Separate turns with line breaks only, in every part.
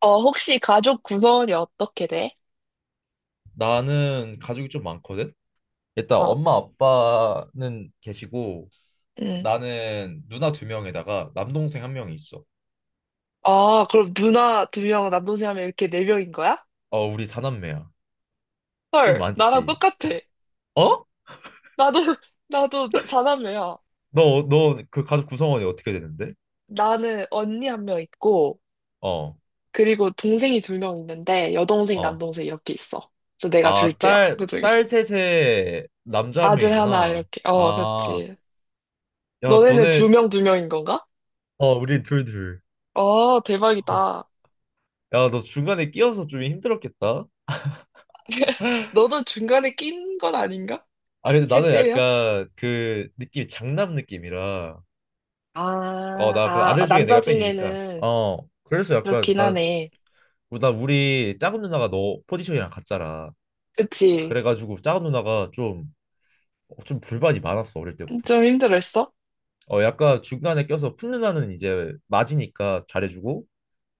어, 혹시 가족 구성원이 어떻게 돼?
나는 가족이 좀 많거든. 일단
어,
엄마 아빠는 계시고
응.
나는 누나 두 명에다가 남동생 한 명이 있어.
아, 그럼 누나 두 명, 남동생 하면 이렇게 네 명인 거야?
어, 우리 사남매야. 좀
헐, 나랑
많지.
똑같아.
어?
나도, 나도 사남매야.
너 그 가족 구성원이 어떻게 되는데?
나는 언니 한 명 있고,
어.
그리고 동생이 두 명 있는데, 여동생,
어.
남동생 이렇게 있어. 그래서 내가
아,
둘째야,
딸
그중에서.
딸 셋에 남자 한
아들 하나,
명이구나.
이렇게. 어,
아,
그렇지.
야,
너네는 두
너네
명, 두 명인 건가?
어, 우리 둘.
어,
어,
대박이다.
야, 너 중간에 끼어서 좀 힘들었겠다.
너도 중간에 낀 건 아닌가?
아, 근데 나는
셋째면?
약간 그 느낌이 장남 느낌이라. 어,
아,
나 그
아,
아들 중에
남자
내가 뺀이니까.
중에는
어, 그래서 약간
그렇긴
나,
하네.
나 우리 작은 누나가 너 포지션이랑 같잖아.
그치?
그래가지고 작은 누나가 좀, 좀 불만이 많았어, 어릴 때부터.
좀 힘들었어?
어, 약간 중간에 껴서 큰 누나는 이제 맞이니까 잘해주고,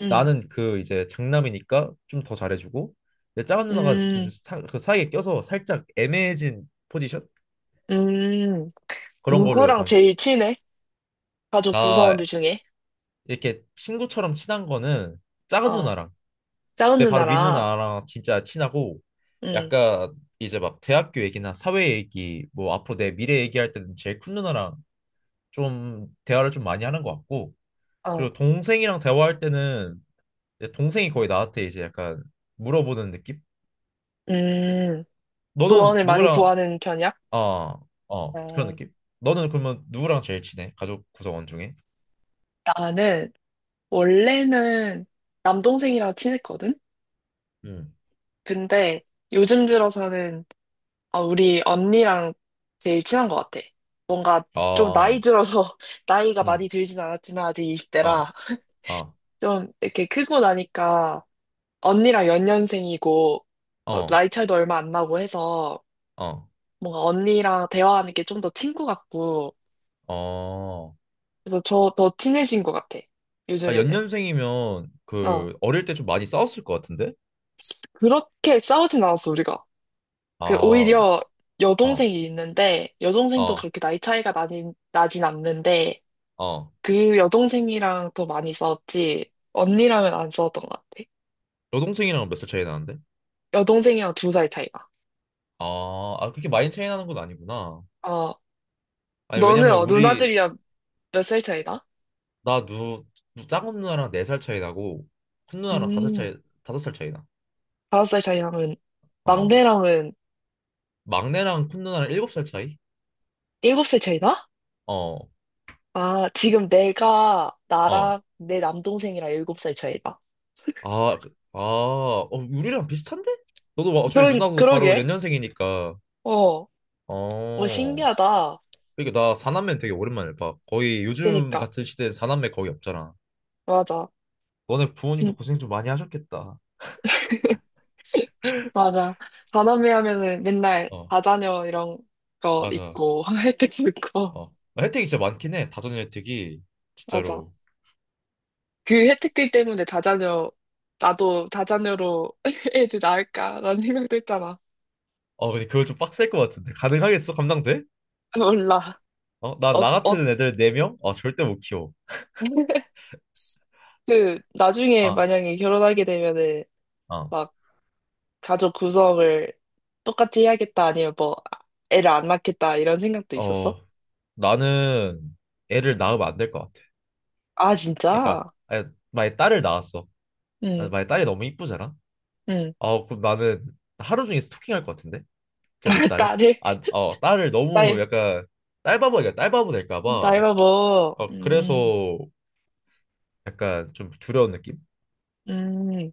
응.
나는 그 이제 장남이니까 좀 더 잘해주고, 근데 작은 누나가 좀
음,
사, 그 사이에 껴서 살짝 애매해진 포지션?
음.
그런 걸로
누구랑
약간,
제일 친해? 가족
나
구성원들 중에?
이렇게 친구처럼 친한 거는 작은
어.
누나랑
작은
근데 바로 윈
누나랑,
누나랑 진짜 친하고
응,
약간 이제 막 대학교 얘기나 사회 얘기 뭐 앞으로 내 미래 얘기할 때는 제일 큰 누나랑 좀 대화를 좀 많이 하는 것 같고
어,
그리고 동생이랑 대화할 때는 이제 동생이 거의 나한테 이제 약간 물어보는 느낌?
음.
너는
조언을 많이
누구랑
구하는 편이야?
아, 어 그런
어.
느낌? 너는 그러면 누구랑 제일 친해? 가족 구성원 중에?
나는, 원래는 남동생이랑 친했거든?
음.
근데 요즘 들어서는, 어, 우리 언니랑 제일 친한 것 같아. 뭔가 좀
아,
나이 들어서, 나이가 많이
음,
들진 않았지만 아직
어,
20대라.
어,
좀 이렇게 크고 나니까 언니랑 연년생이고, 어,
어,
나이 차이도 얼마 안 나고 해서
어,
뭔가 언니랑 대화하는 게 좀 더 친구 같고,
어.
그래서 저 더 친해진 것 같아,
아,
요즘에는.
연년생이면
어,
그 어릴 때 좀 많이 싸웠을 것 같은데?
그렇게 싸우진 않았어 우리가.
아,
그
어,
오히려 여동생이 있는데, 여동생도
어,
그렇게 나이 차이가 나진 않는데
어.
그 여동생이랑 더 많이 싸웠지. 언니랑은 안 싸웠던 것 같아.
여동생이랑 몇 살 차이 나는데?
여동생이랑 두 살 차이가.
아, 아, 그렇게 많이 차이 나는 건 아니구나.
어,
아니,
너는
왜냐면
어,
우리,
누나들이랑 몇 살 차이다?
나 누, 누- 작은 누나랑 네 살 차이 나고, 큰 누나랑 다섯
음,
차이, 다섯 살 차이 나.
다섯 살 차이 나면,
어.
막내랑은
막내랑 큰 누나랑 일곱 살 차이?
일곱 살 차이 나?
어,
아, 지금 내가,
어.
나랑 내 남동생이랑 일곱 살 차이 나.
아, 그- 아, 어, 우리랑 비슷한데? 너도 막 어차피 누나도 바로
그러게.
연년생이니까.
어, 뭐
어.
신기하다.
이게 나 사남매 되게 오랜만에 봐. 거의 요즘
그니까.
같은 시대에 사남매 거의 없잖아.
맞아.
너네 부모님도
진,
고생 좀 많이 하셨겠다.
맞아. 사남매 하면은 맨날
어,
다자녀 이런 거
맞아.
있고, 혜택도 있고.
어, 혜택이 진짜 많긴 해. 다전 혜택이
맞아.
진짜로.
그 혜택들 때문에 다자녀, 나도 다자녀로 애들 낳을까라는 생각도 했잖아.
어, 근데 그거 좀 빡셀 것 같은데. 가능하겠어? 감당돼?
몰라.
어, 나,
어,
나
어,
같은 애들 네명 어, 절대 못 키워.
그, 나중에
아,
만약에 결혼하게 되면은,
어,
막, 가족 구성을 똑같이 해야겠다, 아니면 뭐, 아, 애를 안 낳겠다, 이런 생각도
어,
있었어?
나는 애를 낳으면 안 될 것 같아.
아,
그러니까,
진짜?
아니, 만약에 딸을 낳았어.
응,
아니, 만약에 딸이 너무 이쁘잖아?
응.
아, 그럼 나는 하루 종일 스토킹할 것 같은데? 진짜 내 딸은?
딸을,
아, 어, 딸을 너무
딸,
약간 딸바보니까 딸바보 될까 봐.
나이가 뭐,
어, 그래서 약간 좀 두려운 느낌?
음.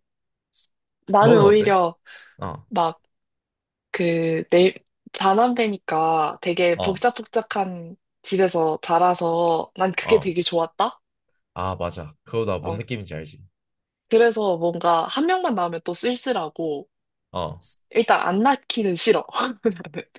나는
너는 어때?
오히려,
어,
막, 그, 내, 자남배니까 되게
어,
복작복작한 집에서 자라서 난 그게
어.
되게 좋았다?
아, 맞아. 그거 나 뭔
어,
느낌인지 알지?
그래서 뭔가 한 명만 나오면 또 쓸쓸하고,
어,
일단 안 낳기는 싫어.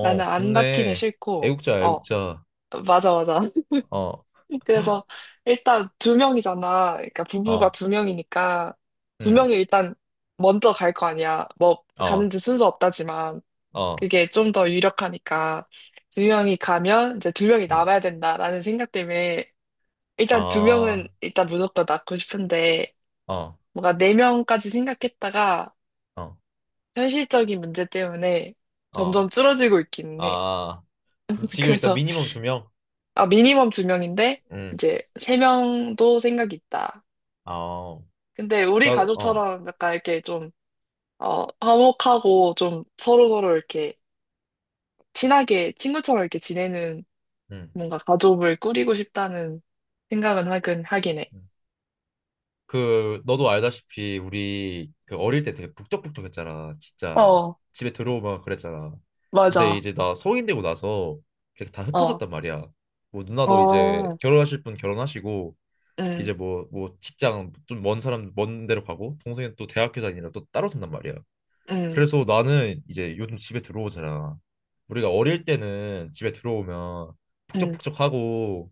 나는, 나는 안 낳기는
좋네.
싫고,
애국자,
어,
애국자.
맞아, 맞아.
어,
그래서 일단 두 명이잖아. 그러니까 부부가
어,
두 명이니까 두
음,
명이 일단 먼저 갈 거 아니야. 뭐
어,
가는지 순서 없다지만
어,
그게 좀 더 유력하니까 두 명이 가면 이제 두 명이
음,
남아야 된다라는 생각 때문에
아,
일단 두 명은
어,
일단 무조건 낳고 싶은데, 뭔가 네 명까지 생각했다가
어,
현실적인 문제 때문에
어,
점점 줄어들고 있기는 해.
아. 지금 일단
그래서
미니멈 두 명.
아 미니멈 두 명인데
음,
이제 세 명도 생각이 있다.
어,
근데 우리
자, 어,
가족처럼 약간 이렇게 좀 어, 화목하고 좀 서로서로 이렇게 친하게 친구처럼 이렇게 지내는
음.
뭔가 가족을 꾸리고 싶다는 생각은 하긴 하긴 해.
그 너도 알다시피 우리 그 어릴 때 되게 북적북적했잖아. 진짜
어,
집에 들어오면 그랬잖아. 근데
맞아.
이제 나 성인 되고 나서 이렇게 다
어,
흩어졌단 말이야. 뭐 누나도 이제
어,
결혼하실 분 결혼하시고
음,
이제 뭐 직장 좀 먼 사람 먼 데로 가고 동생은 또 대학교 다니느라 또 따로 산단 말이야.
음,
그래서 나는 이제 요즘 집에 들어오잖아. 우리가 어릴 때는 집에 들어오면
음,
북적북적하고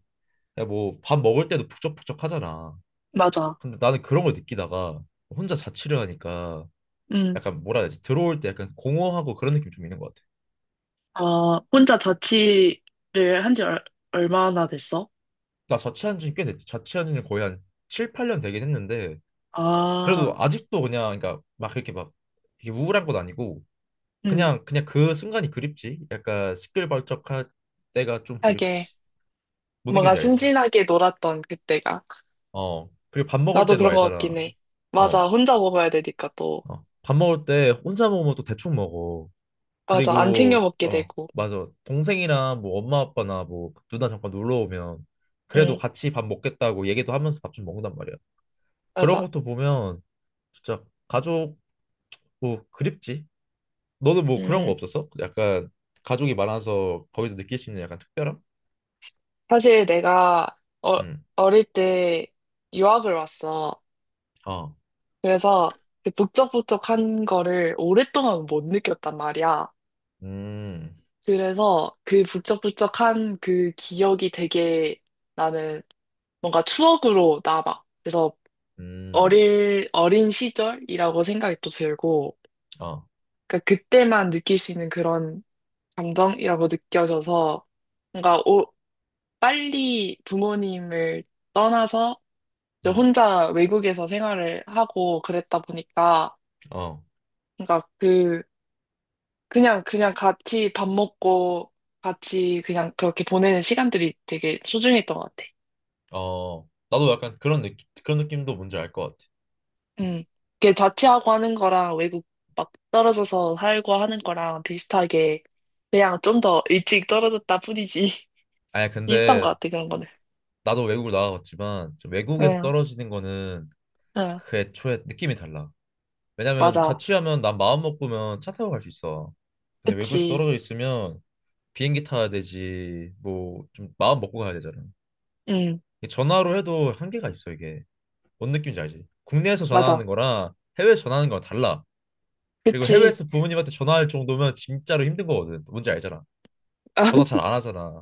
뭐 밥 먹을 때도 북적북적하잖아.
맞아.
근데 나는 그런 걸 느끼다가 혼자 자취를 하니까
음.
약간 뭐라 해야 되지? 들어올 때 약간 공허하고 그런 느낌 좀 있는 것 같아.
아, 혼자 자취를 한 지 얼마나 됐어?
나 자취한 지는 꽤 됐지. 자취한 지는 거의 한 7, 8년 되긴 했는데 그래도
아,
아직도 그냥 그러니까 막 이렇게 막 이게 우울한 건 아니고
음.
그냥 그 순간이 그립지. 약간 시끌벅적할 때가 좀
하게.
그립지. 뭔
뭔가
느낌인지 알지?
순진하게 놀았던 그때가.
어. 그리고 밥 먹을
나도
때도
그런 것
알잖아.
같긴 해.
어.
맞아, 혼자 먹어야 되니까 또.
어. 밥 먹을 때 혼자 먹으면 또 대충 먹어.
맞아, 안
그리고
챙겨 먹게
어
되고.
맞아 동생이랑 뭐 엄마 아빠나 뭐 누나 잠깐 놀러 오면 그래도
응,
같이 밥 먹겠다고 얘기도 하면서 밥 좀 먹는단 말이야. 그런
맞아.
것도 보면 진짜 가족 뭐 그립지. 너는 뭐 그런 거
음,
없었어? 약간 가족이 많아서 거기서 느낄 수 있는 약간 특별함?
사실 내가 어,
음,
어릴 때 유학을 왔어.
어,
그래서 그 북적북적한 거를 오랫동안 못 느꼈단 말이야.
음,
그래서 그 북적북적한 그 기억이 되게 나는 뭔가 추억으로 남아. 그래서
음,
어린 시절이라고 생각이 또 들고.
어,
그러니까 그때만 느낄 수 있는 그런 감정이라고 느껴져서 뭔가 빨리 부모님을 떠나서 이제
음,
혼자 외국에서 생활을 하고 그랬다 보니까,
어,
그러니까 그 그냥 그냥 같이 밥 먹고 같이 그냥 그렇게 보내는 시간들이 되게 소중했던 것 같아.
어. 나도 약간 그런 느낌 그런 느낌도 뭔지 알 것 같아.
음. 그게 자취하고 하는 거랑 외국 막 떨어져서 살고 하는 거랑 비슷하게 그냥 좀 더 일찍 떨어졌다 뿐이지
아니
비슷한 것
근데
같아 그런 거는.
나도 외국을 나가봤지만 좀 외국에서
음.
떨어지는 거는
응,
그 애초에 느낌이 달라. 왜냐면
맞아.
자취하면 난 마음 먹으면 차 타고 갈 수 있어. 근데 외국에서
그치.
떨어져 있으면 비행기 타야 되지. 뭐 좀 마음 먹고 가야 되잖아.
응,
이 전화로 해도 한계가 있어 이게. 뭔 느낌인지 알지? 국내에서 전화하는
맞아.
거랑 해외에서 전화하는 거랑 달라. 그리고
그치.
해외에서 부모님한테 전화할 정도면 진짜로 힘든 거거든. 뭔지 알잖아. 전화 잘 안 하잖아.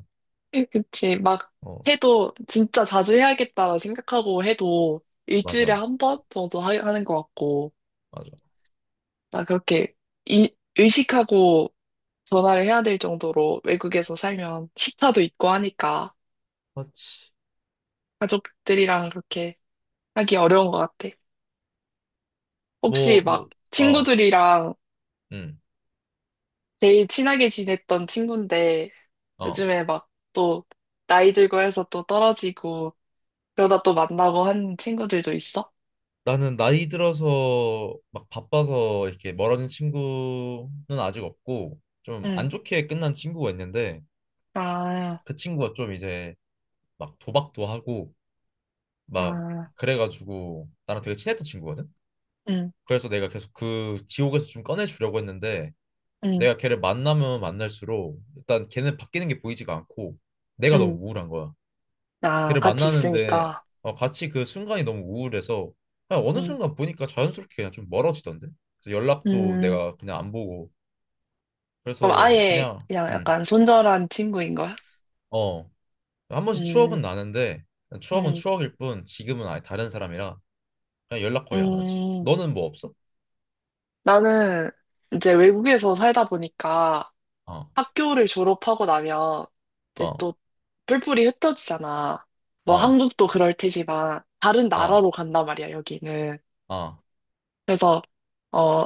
그치. 막
어,
해도 진짜 자주 해야겠다 생각하고 해도 일주일에
맞아,
한 번 정도 하, 는것 같고.
맞아.
나 그렇게 이- 의식하고 전화를 해야 될 정도로 외국에서 살면 시차도 있고 하니까
그렇지.
가족들이랑 그렇게 하기 어려운 것 같아. 혹시
뭐,
막
뭐, 어,
친구들이랑
응,
제일 친하게 지냈던 친구인데
어.
요즘에 막 또 나이 들고 해서 또 떨어지고 그러다 또 만나고 한 친구들도 있어?
나는 나이 들어서 막 바빠서 이렇게 멀어진 친구는 아직 없고 좀
응.
안 좋게 끝난 친구가 있는데
아,
그 친구가 좀 이제 막 도박도 하고 막
아,
그래가지고 나랑 되게 친했던 친구거든.
응,
그래서 내가 계속 그 지옥에서 좀 꺼내주려고 했는데
응,
내가 걔를 만나면 만날수록 일단 걔는 바뀌는 게 보이지가 않고 내가 너무
응.
우울한 거야.
아,
걔를
같이
만나는데
있으니까.
어, 같이 그 순간이 너무 우울해서 그냥 어느
응,
순간 보니까 자연스럽게 그냥 좀 멀어지던데. 그래서 연락도
음.
내가 그냥 안 보고
그럼
그래서
아예
그냥
그냥 약간 손절한 친구인 거야?
어, 한 번씩 추억은
음,
나는데 추억은
음,
추억일 뿐 지금은 아예 다른 사람이라 그냥 연락 거의 안 하지.
음.
너는 뭐 없어?
나는 이제 외국에서 살다 보니까
어,
학교를 졸업하고 나면 이제
어,
또 뿔뿔이 흩어지잖아. 뭐
어,
한국도 그럴 테지만 다른
어,
나라로 간단 말이야, 여기는.
어, 어,
그래서, 어,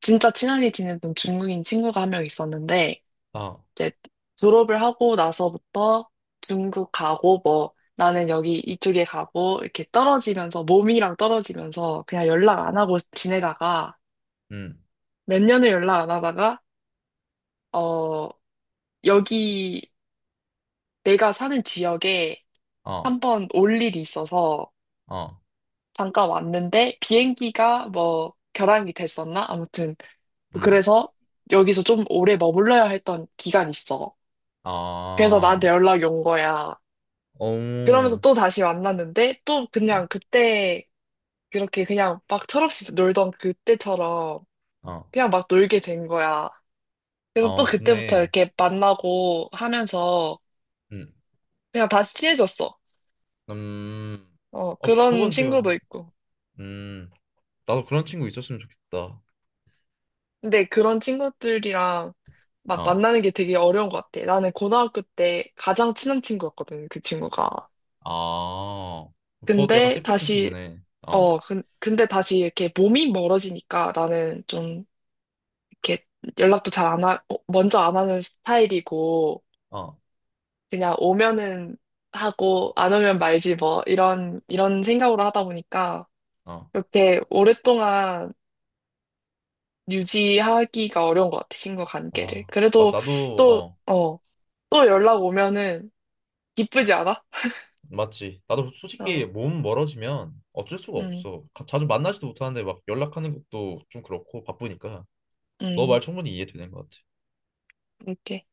진짜 친하게 지내던 중국인 친구가 한 명 있었는데,
어,
이제 졸업을 하고 나서부터 중국 가고, 뭐, 나는 여기 이쪽에 가고, 이렇게 떨어지면서, 몸이랑 떨어지면서 그냥 연락 안 하고 지내다가,
음,
몇 년을 연락 안 하다가, 어, 여기 내가 사는 지역에
어,
한 번 올 일이 있어서
어,
잠깐 왔는데, 비행기가 뭐, 결항이 됐었나? 아무튼,
음,
그래서 여기서 좀 오래 머물러야 했던 기간이 있어.
아,
그래서 나한테
어,
연락이 온 거야. 그러면서
어,
또 다시 만났는데, 또 그냥 그때, 그렇게 그냥 막 철없이 놀던 그때처럼
어,
그냥 막 놀게 된 거야. 그래서 또
어,
그때부터
좋네.
이렇게 만나고 하면서
음,
그냥 다시 친해졌어.
음,
어,
어,
그런
그건 되게,
친구도 있고.
음, 나도 그런 친구 있었으면 좋겠다.
근데 그런 친구들이랑 막
어,
만나는 게 되게 어려운 것 같아. 나는 고등학교 때 가장 친한 친구였거든, 그 친구가.
아, 더 약간
근데
뜻깊은
다시,
친구네. 어,
어, 근데 다시 이렇게 몸이 멀어지니까 나는 좀 이렇게 연락도 잘 안 하, 어, 먼저 안 하는 스타일이고,
어,
그냥 오면은 하고, 안 오면 말지 뭐, 이런 생각으로 하다 보니까,
어,
이렇게 오랫동안 유지하기가 어려운 것 같아, 친구 관계를.
아, 맞,
그래도
나도,
또,
어,
어, 또 연락 오면은 기쁘지 않아?
맞지. 나도 솔직히
어,
몸 멀어지면 어쩔 수가
음,
없어. 가- 자주 만나지도 못하는데 막 연락하는 것도 좀 그렇고 바쁘니까. 너
음,
말 충분히 이해되는 것 같아.
이렇게.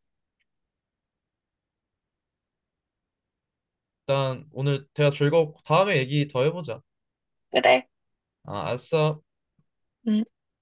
일단 오늘 대화 즐거웠고 다음에 얘기 더 해보자. 아, 알았어.
음.